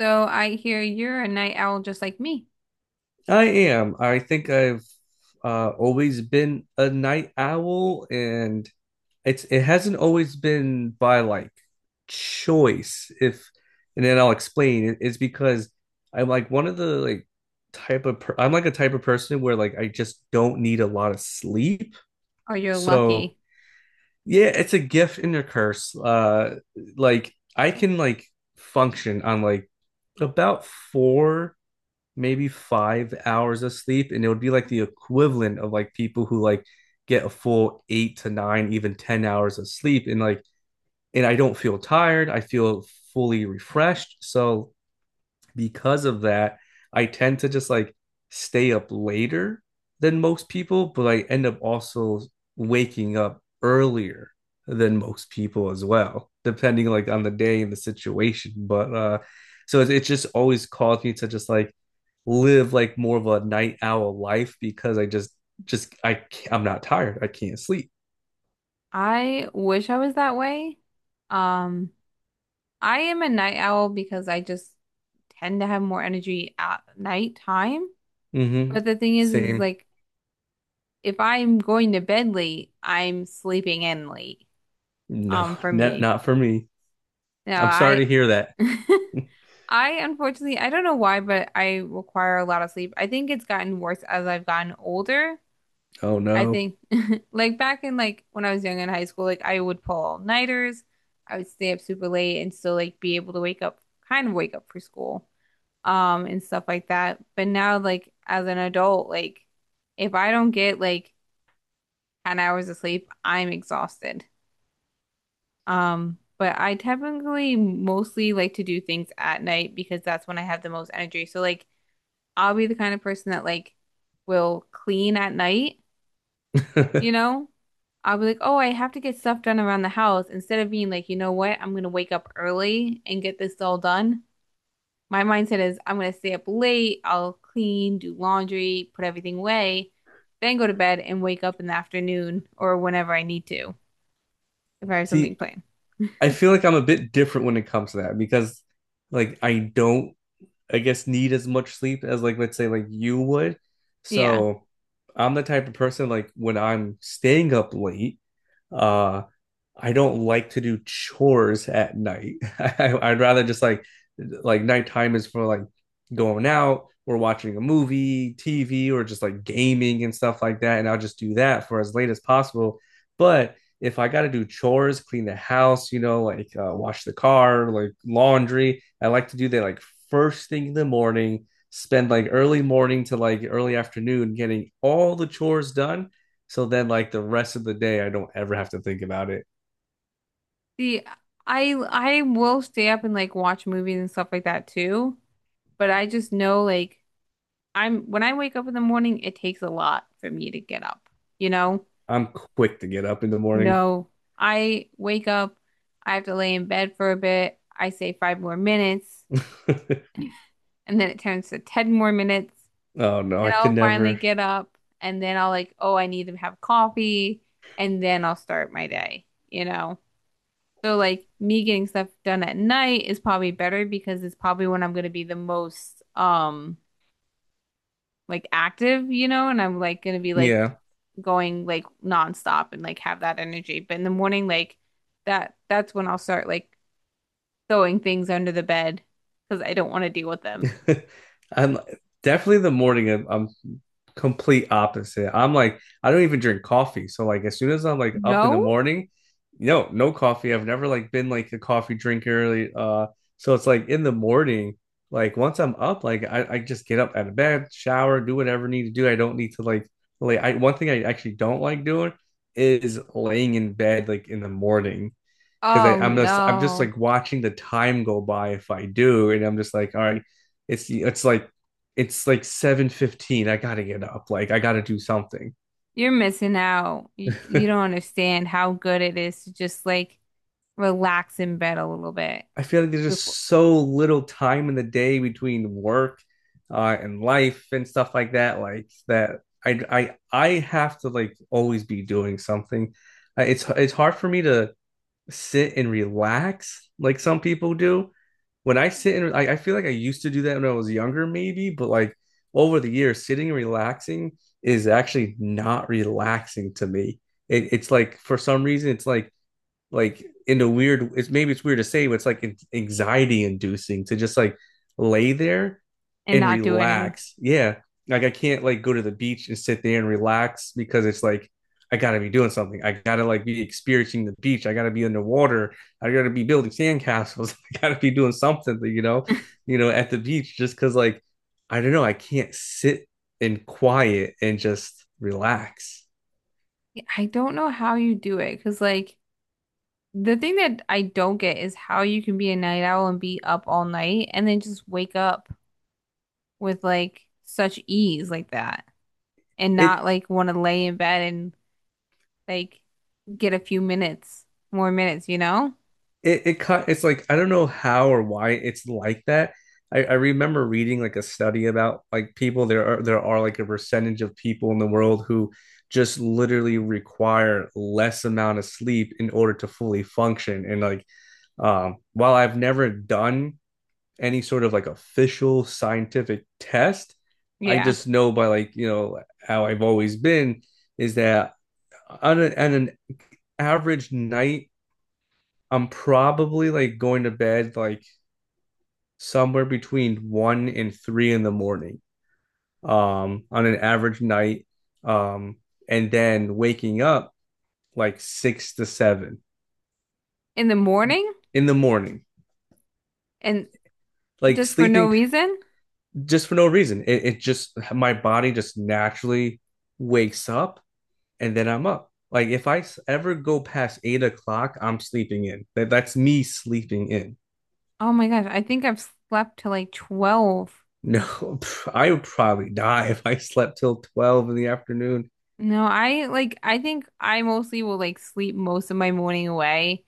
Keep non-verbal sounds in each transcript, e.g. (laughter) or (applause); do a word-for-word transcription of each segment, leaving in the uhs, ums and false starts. So I hear you're a night owl just like me, I am. I think I've uh, always been a night owl, and it's it hasn't always been by like choice. If And then I'll explain. It- It's because I'm like one of the like type of per I'm like a type of person where like I just don't need a lot of sleep. or you're So lucky. yeah, it's a gift and a curse. Uh, like I can like function on like about four maybe five hours of sleep, and it would be like the equivalent of like people who like get a full eight to nine, even ten hours of sleep. And like, and I don't feel tired, I feel fully refreshed. So, because of that, I tend to just like stay up later than most people, but I end up also waking up earlier than most people as well, depending like on the day and the situation. But uh so it's, it's just always caused me to just like live like more of a night owl life because I just just I I'm not tired. I can't sleep. I wish I was that way. Um, I am a night owl because I just tend to have more energy at nighttime. Mm-hmm. But the thing is, is Same. like if I'm going to bed late, I'm sleeping in late. No, Um, for not me. not for me. No, I'm sorry I to hear that. (laughs) I unfortunately I don't know why, but I require a lot of sleep. I think it's gotten worse as I've gotten older. Oh I no. think (laughs) like back in like when I was young in high school, like I would pull all-nighters. I would stay up super late and still like be able to wake up, kind of wake up for school, um, and stuff like that. But now like as an adult, like if I don't get like ten hours of sleep, I'm exhausted. Um, but I typically mostly like to do things at night because that's when I have the most energy. So like I'll be the kind of person that like will clean at night. You know, I'll be like, oh, I have to get stuff done around the house. Instead of being like, you know what, I'm gonna wake up early and get this all done. My mindset is I'm gonna stay up late, I'll clean, do laundry, put everything away, then go to bed and wake up in the afternoon or whenever I need to if I (laughs) have something See, planned. I feel like I'm a bit different when it comes to that because like I don't I guess need as much sleep as like let's say like you would. Yeah. So I'm the type of person like when I'm staying up late, uh I don't like to do chores at night. (laughs) I, I'd rather just like like nighttime is for like going out or watching a movie, T V, or just like gaming and stuff like that. And I'll just do that for as late as possible. But if I got to do chores, clean the house, you know, like uh, wash the car, like laundry, I like to do that like first thing in the morning, spend like early morning to like early afternoon getting all the chores done. So then, like the rest of the day, I don't ever have to think about it. See, I I will stay up and like watch movies and stuff like that too, but I just know like I'm when I wake up in the morning, it takes a lot for me to get up, you know? I'm quick to get up in the morning. No, I wake up, I have to lay in bed for a bit. I say five more minutes, (laughs) and then it turns to ten more minutes, Oh no, and I could I'll finally never. get up, and then I'll like, oh, I need to have coffee, and then I'll start my day, you know? So like me getting stuff done at night is probably better because it's probably when I'm gonna be the most um like active, you know, and I'm like gonna be like Yeah, going like nonstop and like have that energy. But in the morning, like that that's when I'll start like throwing things under the bed because I don't want to deal with them. (laughs) I'm definitely the morning. I'm, I'm complete opposite. I'm like I don't even drink coffee, so like as soon as I'm like up in the No? morning, no, no coffee. I've never like been like a coffee drinker. Like, Uh, so it's like in the morning, like once I'm up, like I, I just get up out of bed, shower, do whatever I need to do. I don't need to like like I one thing I actually don't like doing is laying in bed like in the morning. Because Oh I'm just I'm just no. like watching the time go by if I do, and I'm just like, all right, it's it's like it's like seven fifteen. I gotta get up. Like I gotta do something. (laughs) You're missing out. You, you don't understand how good it is to just like relax in bed a little bit I feel like there's before, just so little time in the day between work uh, and life and stuff like that. Like that, I I I have to like always be doing something. Uh, It's it's hard for me to sit and relax like some people do. When I sit and I, I feel like I used to do that when I was younger, maybe, but like over the years, sitting and relaxing is actually not relaxing to me. It, it's like for some reason, it's like like in a weird, it's maybe it's weird to say, but it's like anxiety inducing to just like lay there and and not do anything. relax. Yeah, like I can't like go to the beach and sit there and relax because it's like I gotta be doing something, I gotta like be experiencing the beach, I gotta be underwater, I gotta be building sandcastles, (laughs) I gotta be doing something you know you know At the beach, just because like I don't know, I can't sit in quiet and just relax. I don't know how you do it because like the thing that I don't get is how you can be a night owl and be up all night and then just wake up with like such ease like that and it not like want to lay in bed and like get a few minutes, more minutes, you know? it it cut it's like I don't know how or why it's like that. I, I remember reading like a study about like people there are there are like a percentage of people in the world who just literally require less amount of sleep in order to fully function. And like um while I've never done any sort of like official scientific test, I Yeah. just know by like, you know, how I've always been, is that on, a, on an average night, I'm probably like going to bed like somewhere between one and three in the morning, um, on an average night, um, and then waking up like six to seven In the morning in the morning, and like just for no sleeping reason? just for no reason. It, it just my body just naturally wakes up, and then I'm up. Like if I ever go past eight o'clock, I'm sleeping in. That that's me sleeping in. (laughs) Oh my gosh, I think I've slept till like twelve. No, I would probably die if I slept till twelve in the afternoon. No, I like I think I mostly will like sleep most of my morning away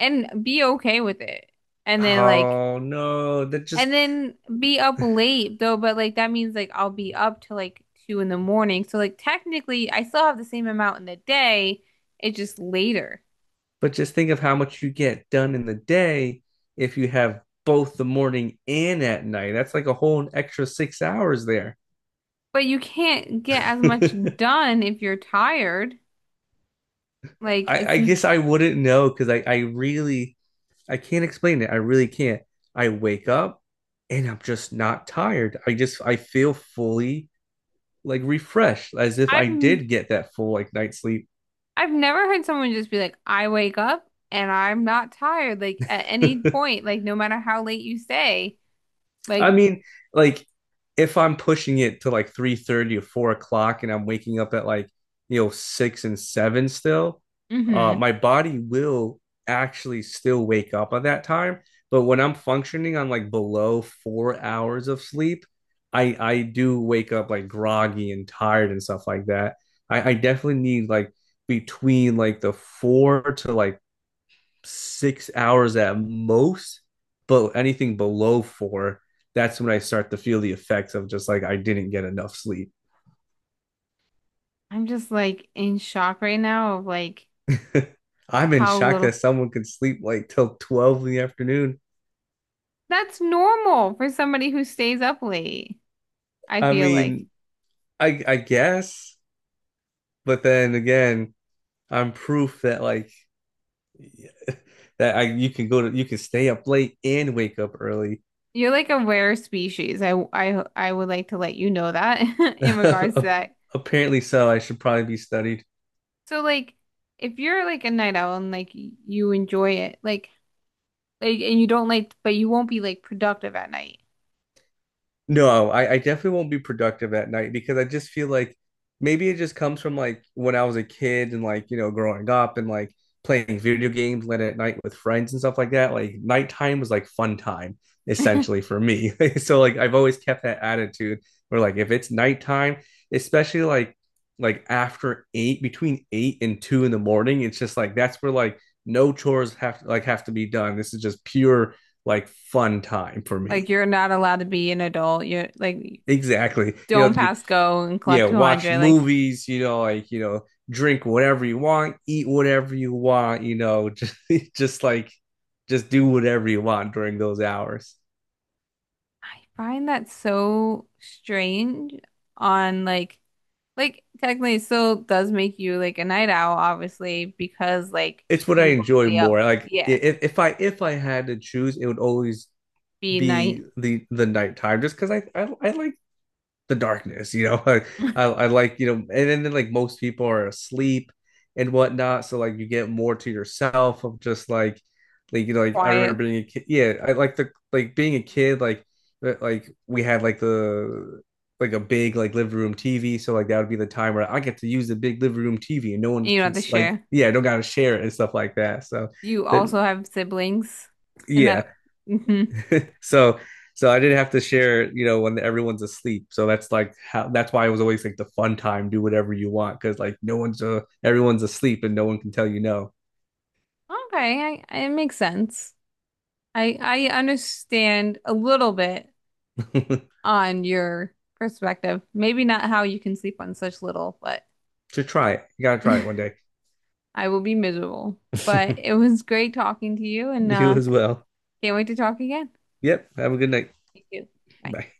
and be okay with it. And then like Oh no, that just and then be up late though, but like that means like I'll be up till like two in the morning. So like technically I still have the same amount in the day. It's just later. but just think of how much you get done in the day if you have both the morning and at night. That's like a whole extra six hours there. But you can't (laughs) get as much I, done if you're tired. Like it's I guess I wouldn't know because I, I really I can't explain it. I really can't. I wake up and I'm just not tired. I just I feel fully like refreshed as if I I've did get that full like night sleep. I've never heard someone just be like, I wake up and I'm not tired, like at any (laughs) point, like no matter how late you stay. I Like, mean, like if I'm pushing it to like three thirty or four o'clock, and I'm waking up at like you know six and seven still, uh, mm-hmm. my body will actually still wake up at that time. But when I'm functioning on like below four hours of sleep, I I do wake up like groggy and tired and stuff like that. I, I definitely need like between like the four to like six hours at most, but anything below four, that's when I start to feel the effects of just like I didn't get enough sleep. I'm just like in shock right now of like (laughs) I'm in how shock that little someone can sleep like till twelve in the afternoon. that's normal for somebody who stays up late. I I feel like mean, I I guess, but then again, I'm proof that like (laughs) that I you can go to you can stay up late and wake up early. you're like a rare species. I I I would like to let you know that (laughs) in regards to (laughs) that. Apparently so I should probably be studied. So like if you're like a night owl and like you enjoy it, like like and you don't like but you won't be like productive at night. No, I, I definitely won't be productive at night because I just feel like maybe it just comes from like when I was a kid and like, you know, growing up and like playing video games late at night with friends and stuff like that. Like nighttime was like fun time essentially for me. (laughs) So like I've always kept that attitude where like if it's nighttime, especially like like after eight, between eight and two in the morning, it's just like that's where like no chores have like have to be done. This is just pure like fun time for Like me. you're not allowed to be an adult. You're like Exactly. You don't know, you pass go and yeah, collect watch two hundred. Like movies, you know, like, you know, drink whatever you want, eat whatever you want, you know, (laughs) just, just like just do whatever you want during those hours. I find that so strange on like like technically it still does make you like a night owl, obviously, because like It's what I you will enjoy stay more. up. Like Yeah. if, if I if I had to choose, it would always Be be night, the the nighttime just because I, I I like the darkness. You know, (laughs) I, I, (laughs) I like you know, and then, then like most people are asleep and whatnot, so like you get more to yourself of just like like you know like I quiet, remember being a kid. Yeah, I like the like being a kid like uh, like we had like the like a big like living room T V. So like that would be the time where I get to use the big living room T V and no one and you don't can have to like, share. yeah, don't gotta share it and stuff like that. So You that also have siblings and yeah, that hmm. so so I didn't have to share, you know, when everyone's asleep. So that's like how that's why it was always like the fun time, do whatever you want, because like no one's uh, everyone's asleep and no one can tell you no. Okay, I, I- it makes sense. I I understand a little bit (laughs) on your perspective. Maybe not how you can sleep on such little, but So try it. You gotta try it one (laughs) day. I will be miserable. But it (laughs) was great talking to you, and You uh, as well. can't wait to talk again. Yep. Have a good night. Thank you. Bye. Bye.